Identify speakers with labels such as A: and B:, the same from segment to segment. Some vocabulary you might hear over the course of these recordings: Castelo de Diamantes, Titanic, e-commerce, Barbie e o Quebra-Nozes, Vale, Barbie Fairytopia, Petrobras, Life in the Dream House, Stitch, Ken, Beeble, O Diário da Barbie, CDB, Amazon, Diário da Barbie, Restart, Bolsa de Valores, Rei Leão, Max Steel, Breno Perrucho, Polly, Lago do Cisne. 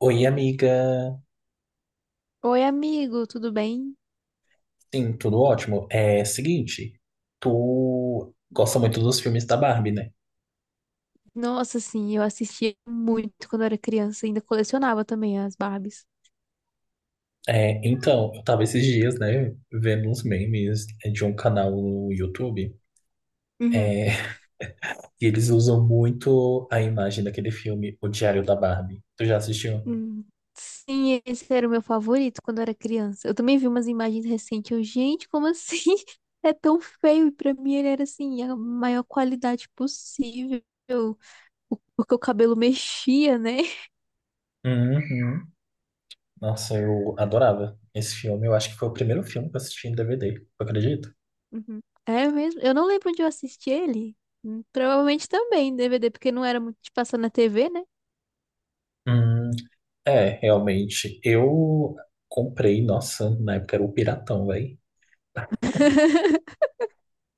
A: Oi, amiga.
B: Oi, amigo, tudo bem?
A: Sim, tudo ótimo. É seguinte, tu gosta muito dos filmes da Barbie, né?
B: Nossa, sim, eu assistia muito quando era criança, ainda colecionava também as Barbies.
A: É, então, eu tava esses dias, né, vendo uns memes de um canal no YouTube,
B: Uhum.
A: é, e eles usam muito a imagem daquele filme, O Diário da Barbie. Tu já assistiu?
B: Hum, Sim, esse era o meu favorito quando eu era criança. Eu também vi umas imagens recentes. Eu, gente, como assim? É tão feio. E pra mim ele era assim, a maior qualidade possível. Porque o cabelo mexia, né?
A: Uhum. Nossa, eu adorava esse filme. Eu acho que foi o primeiro filme que eu assisti em DVD, tu acredita?
B: Uhum. É mesmo. Eu não lembro onde eu assisti ele. Provavelmente também em DVD, porque não era muito de passar na TV, né?
A: Hum, é, realmente. Eu comprei, nossa, na época era o Piratão, velho.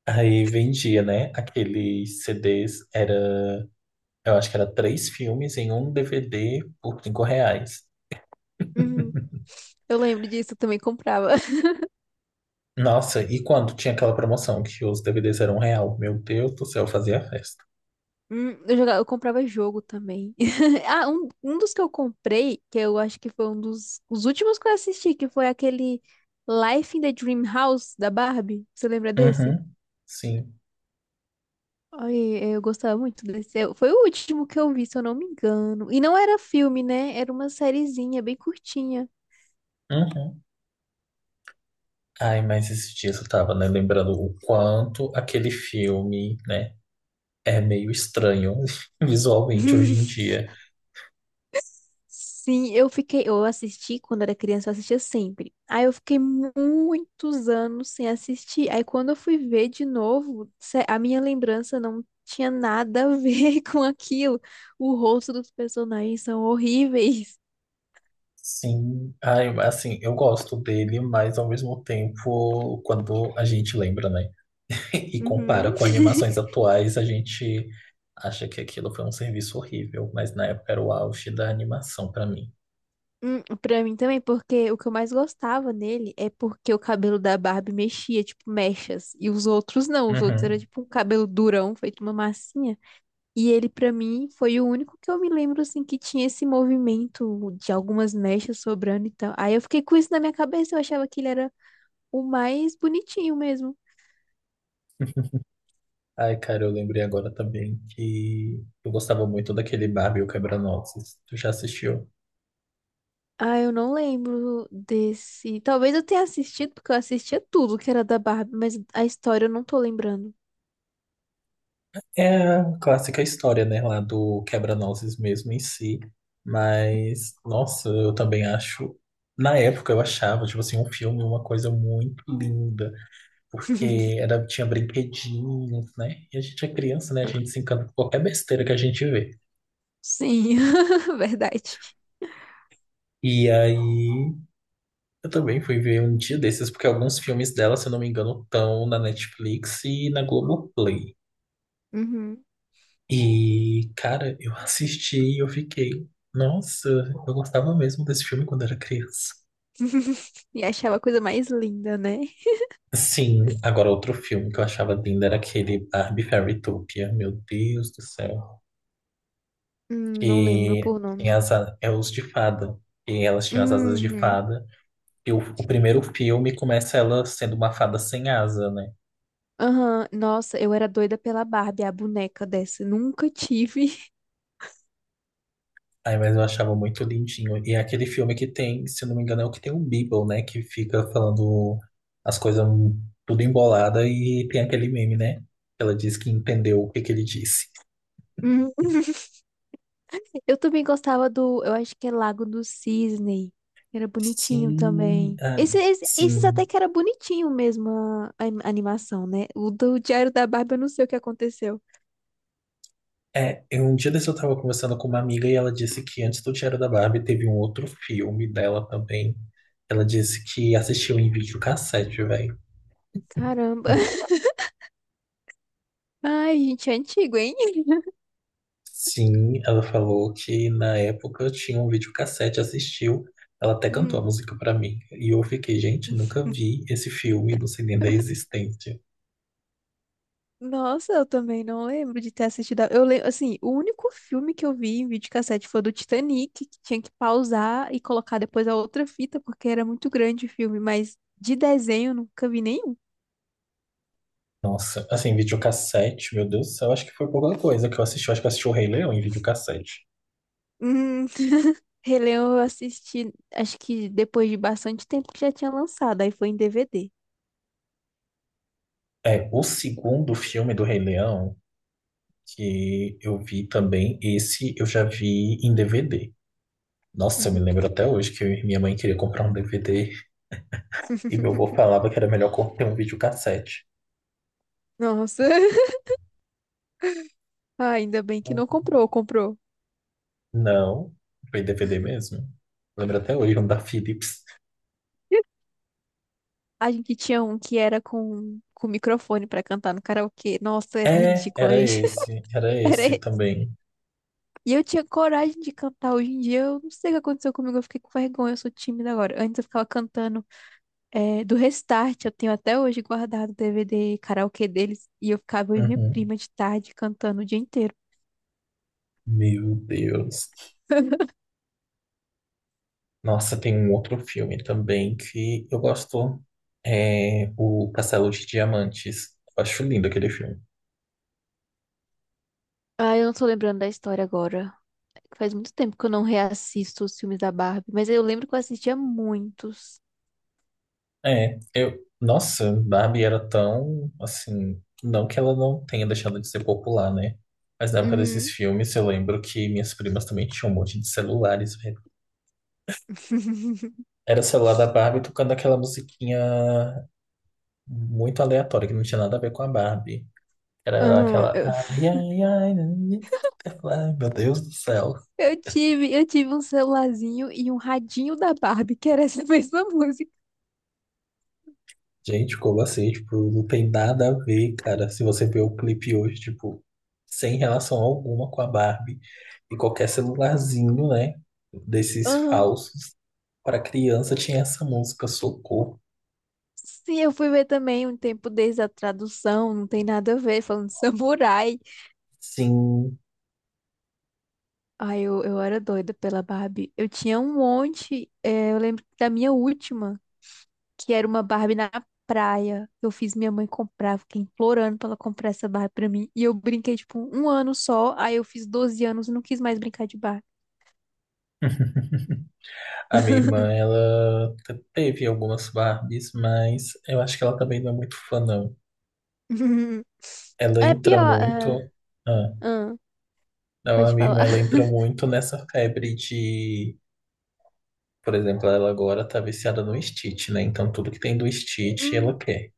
A: Aí vendia, né? Aqueles CDs era, eu acho que era três filmes em um DVD por R$ 5.
B: Uhum. Eu lembro disso, eu também comprava.
A: Nossa, e quando tinha aquela promoção que os DVDs eram um real? Meu Deus do céu, eu fazia festa.
B: Eu jogava, eu comprava jogo também. Ah, um dos que eu comprei, que eu acho que foi um dos os últimos que eu assisti, que foi aquele Life in the Dream House da Barbie. Você lembra desse?
A: Uhum, sim.
B: Ai, eu gostava muito desse. Foi o último que eu vi, se eu não me engano. E não era filme, né? Era uma sériezinha bem curtinha.
A: Uhum. Ai, mas esses dias eu tava, né, lembrando o quanto aquele filme, né, é meio estranho visualmente hoje em dia.
B: Sim, eu fiquei, eu assisti quando era criança, eu assistia sempre. Aí eu fiquei muitos anos sem assistir. Aí quando eu fui ver de novo, a minha lembrança não tinha nada a ver com aquilo. O rosto dos personagens são horríveis.
A: Sim, ai, assim, eu gosto dele, mas ao mesmo tempo, quando a gente lembra, né? E compara
B: Uhum.
A: com animações atuais, a gente acha que aquilo foi um serviço horrível, mas na época era o auge da animação pra mim.
B: Pra mim também, porque o que eu mais gostava nele é porque o cabelo da Barbie mexia, tipo mechas, e os outros não, os outros era
A: Uhum.
B: tipo um cabelo durão, feito uma massinha. E ele, pra mim, foi o único que eu me lembro, assim, que tinha esse movimento de algumas mechas sobrando e tal. Aí eu fiquei com isso na minha cabeça, eu achava que ele era o mais bonitinho mesmo.
A: Ai, cara, eu lembrei agora também que eu gostava muito daquele Barbie e o Quebra-Nozes. Tu já assistiu?
B: Ah, eu não lembro desse. Talvez eu tenha assistido, porque eu assistia tudo que era da Barbie, mas a história eu não tô lembrando.
A: É a clássica história, né, lá do Quebra-Nozes mesmo em si. Mas, nossa, eu também acho. Na época eu achava, tipo assim, um filme uma coisa muito linda, porque era, tinha brinquedinhos, né? E a gente é criança, né? A gente se encanta com qualquer besteira que a gente vê.
B: Sim, verdade.
A: E aí, eu também fui ver um dia desses, porque alguns filmes dela, se eu não me engano, estão na Netflix e na Globoplay.
B: Uhum.
A: E, cara, eu assisti e eu fiquei, nossa, eu gostava mesmo desse filme quando era criança.
B: E achava a coisa mais linda, né?
A: Sim, agora outro filme que eu achava lindo era aquele Barbie Fairytopia. Meu Deus do céu.
B: Não lembro
A: Que
B: por
A: tem
B: nome.
A: as é os de fada. E elas tinham as asas de
B: Uhum.
A: fada. E o primeiro filme começa ela sendo uma fada sem asa, né?
B: Aham, nossa, eu era doida pela Barbie, a boneca dessa. Nunca tive.
A: Ai, mas eu achava muito lindinho. E é aquele filme que tem, se eu não me engano, é o que tem o Beeble, né? Que fica falando as coisas tudo embolada e tem aquele meme, né? Ela diz que entendeu o que que ele disse.
B: Hum. Eu também gostava do, eu acho que é Lago do Cisne. Era bonitinho
A: Sim,
B: também.
A: ah,
B: Esses até
A: sim.
B: que era bonitinho mesmo a animação, né? O do Diário da Barbie, eu não sei o que aconteceu.
A: É, eu, um dia desse eu tava conversando com uma amiga e ela disse que antes do Diário da Barbie teve um outro filme dela também. Ela disse que assistiu em videocassete, velho.
B: Caramba. Ai, gente, é antigo, hein?
A: Sim, ela falou que na época tinha um videocassete, assistiu. Ela até cantou a
B: Hum.
A: música pra mim. E eu fiquei, gente, nunca vi esse filme, não sei nem da existência.
B: Nossa, eu também não lembro de ter assistido. Eu lembro, assim, o único filme que eu vi em videocassete foi o do Titanic, que tinha que pausar e colocar depois a outra fita, porque era muito grande o filme, mas de desenho eu nunca vi nenhum.
A: Nossa, assim, videocassete, meu Deus do céu, acho que foi pouca coisa que eu assisti. Eu acho que eu assisti o Rei Leão em videocassete.
B: Hum, Rei Leão eu assisti, acho que depois de bastante tempo que já tinha lançado, aí foi em DVD.
A: É, o segundo filme do Rei Leão, que eu vi também. Esse eu já vi em DVD. Nossa, eu me
B: Uhum.
A: lembro até hoje que minha mãe queria comprar um DVD e meu avô falava que era melhor ter um videocassete.
B: Nossa, ah, ainda bem que não comprou, comprou.
A: Não, foi DVD mesmo. Lembro até hoje, um da Philips.
B: A gente tinha um que era com microfone pra cantar no karaokê. Nossa, era
A: É,
B: ridículo, gente.
A: era
B: Era
A: esse também.
B: E eu tinha coragem de cantar. Hoje em dia, eu não sei o que aconteceu comigo. Eu fiquei com vergonha, eu sou tímida agora. Antes eu ficava cantando do Restart. Eu tenho até hoje guardado o DVD karaokê deles. E eu ficava eu e minha
A: Uhum.
B: prima de tarde cantando o dia inteiro.
A: Meu Deus. Nossa, tem um outro filme também que eu gosto, é o Castelo de Diamantes. Eu acho lindo aquele filme.
B: Ah, eu não tô lembrando da história agora. Faz muito tempo que eu não reassisto os filmes da Barbie, mas eu lembro que eu assistia muitos.
A: É, eu. Nossa, Barbie era tão. Assim. Não que ela não tenha deixado de ser popular, né? Mas na época desses
B: Uhum.
A: filmes, eu lembro que minhas primas também tinham um monte de celulares, velho. Era o celular da Barbie tocando aquela musiquinha muito aleatória, que não tinha nada a ver com a Barbie. Era
B: Aham,
A: aquela.
B: eu,
A: Ai, ai, ai. Ai, meu Deus do céu.
B: eu tive, eu tive um celularzinho e um radinho da Barbie, que era essa mesma música.
A: Gente, como assim? Tipo, não tem nada a ver, cara. Se você ver o clipe hoje, tipo, sem relação alguma com a Barbie e qualquer celularzinho, né? Desses
B: Aham.
A: falsos. Para criança tinha essa música, Socorro.
B: Sim, eu fui ver também um tempo desde a tradução, não tem nada a ver, falando de samurai.
A: Sim,
B: Ai, eu era doida pela Barbie. Eu tinha um monte, eu lembro da minha última, que era uma Barbie na praia. Eu fiz minha mãe comprar, eu fiquei implorando pra ela comprar essa Barbie pra mim. E eu brinquei, tipo, um ano só, aí eu fiz 12 anos e não quis mais brincar de Barbie.
A: a minha irmã, ela teve algumas Barbies, mas eu acho que ela também não é muito fã, não. Ela
B: É
A: entra
B: pior.
A: muito. Ah,
B: Ah,
A: não, a
B: pode
A: minha irmã,
B: falar.
A: ela entra muito nessa febre de. Por exemplo, ela agora tá viciada no Stitch, né? Então tudo que tem do Stitch
B: Hum,
A: ela quer.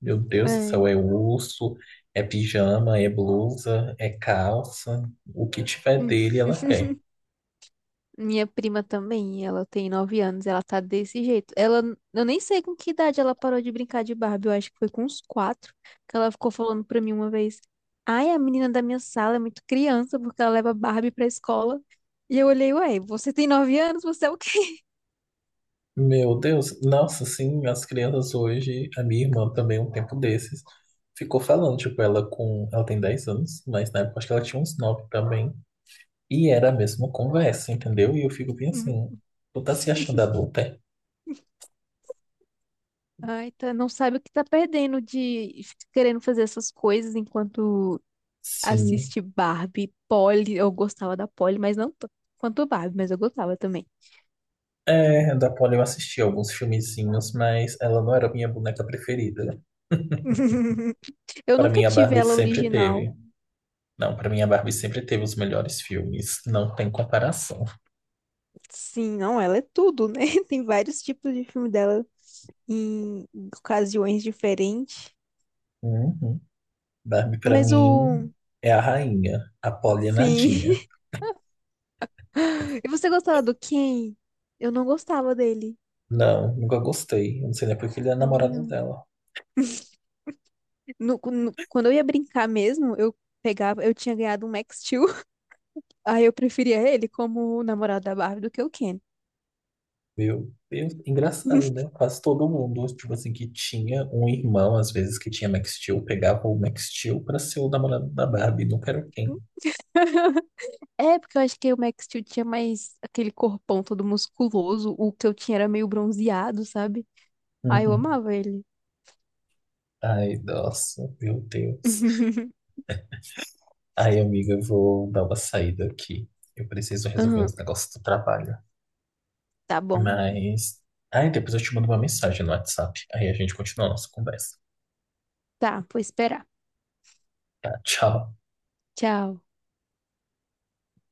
A: Meu Deus do céu,
B: é.
A: é urso, é pijama, é blusa, é calça. O que tiver
B: Hum.
A: dele ela quer.
B: Minha prima também, ela tem 9 anos, ela tá desse jeito. Ela, eu nem sei com que idade ela parou de brincar de Barbie, eu acho que foi com uns quatro, que ela ficou falando pra mim uma vez, ai, a menina da minha sala é muito criança, porque ela leva Barbie pra escola. E eu olhei, ué, você tem 9 anos, você é o quê?
A: Meu Deus, nossa, sim, as crianças hoje, a minha irmã também, um tempo desses, ficou falando, tipo, ela tem 10 anos, mas na época acho que ela tinha uns 9 também, e era a mesma conversa, entendeu? E eu fico bem assim,
B: Uhum.
A: tu tá se achando adulta? É?
B: Ai, tá, não sabe o que tá perdendo de ficar querendo fazer essas coisas enquanto
A: Sim,
B: assiste Barbie, Polly, eu gostava da Polly, mas não tanto quanto Barbie, mas eu gostava também.
A: é, da Polly eu assisti alguns filmezinhos, mas ela não era a minha boneca preferida.
B: Eu
A: Para
B: nunca
A: mim, a
B: tive
A: Barbie
B: ela
A: sempre
B: original.
A: teve. Não, para mim, a Barbie sempre teve os melhores filmes. Não tem comparação.
B: Sim, não, ela é tudo, né? Tem vários tipos de filme dela em ocasiões diferentes.
A: Uhum. Barbie, para
B: Mas o.
A: mim, é a rainha. A Polly é
B: Sim.
A: nadinha.
B: E você gostava do Ken? Eu não gostava dele.
A: Não, nunca gostei. Eu não sei nem porque ele é
B: Também
A: namorado
B: não.
A: dela.
B: Quando eu ia brincar mesmo, eu pegava. Eu tinha ganhado um Max Steel. Aí eu preferia ele como o namorado da Barbie do que o Ken.
A: Meu Deus, engraçado, né? Quase todo mundo, tipo assim, que tinha um irmão, às vezes, que tinha Max Steel, pegava o Max Steel pra ser o namorado da Barbie. Não quero quem.
B: É, porque eu acho que o Max Steel tinha mais aquele corpão todo musculoso. O que eu tinha era meio bronzeado, sabe? Ah, eu amava ele.
A: Ai, nossa, meu Deus. Ai, amiga, eu vou dar uma saída aqui. Eu preciso resolver
B: Aham,
A: uns negócios do trabalho.
B: tá bom.
A: Mas. Ai, depois eu te mando uma mensagem no WhatsApp. Aí a gente continua a nossa conversa.
B: Tá, vou esperar.
A: Tá, tchau.
B: Tchau.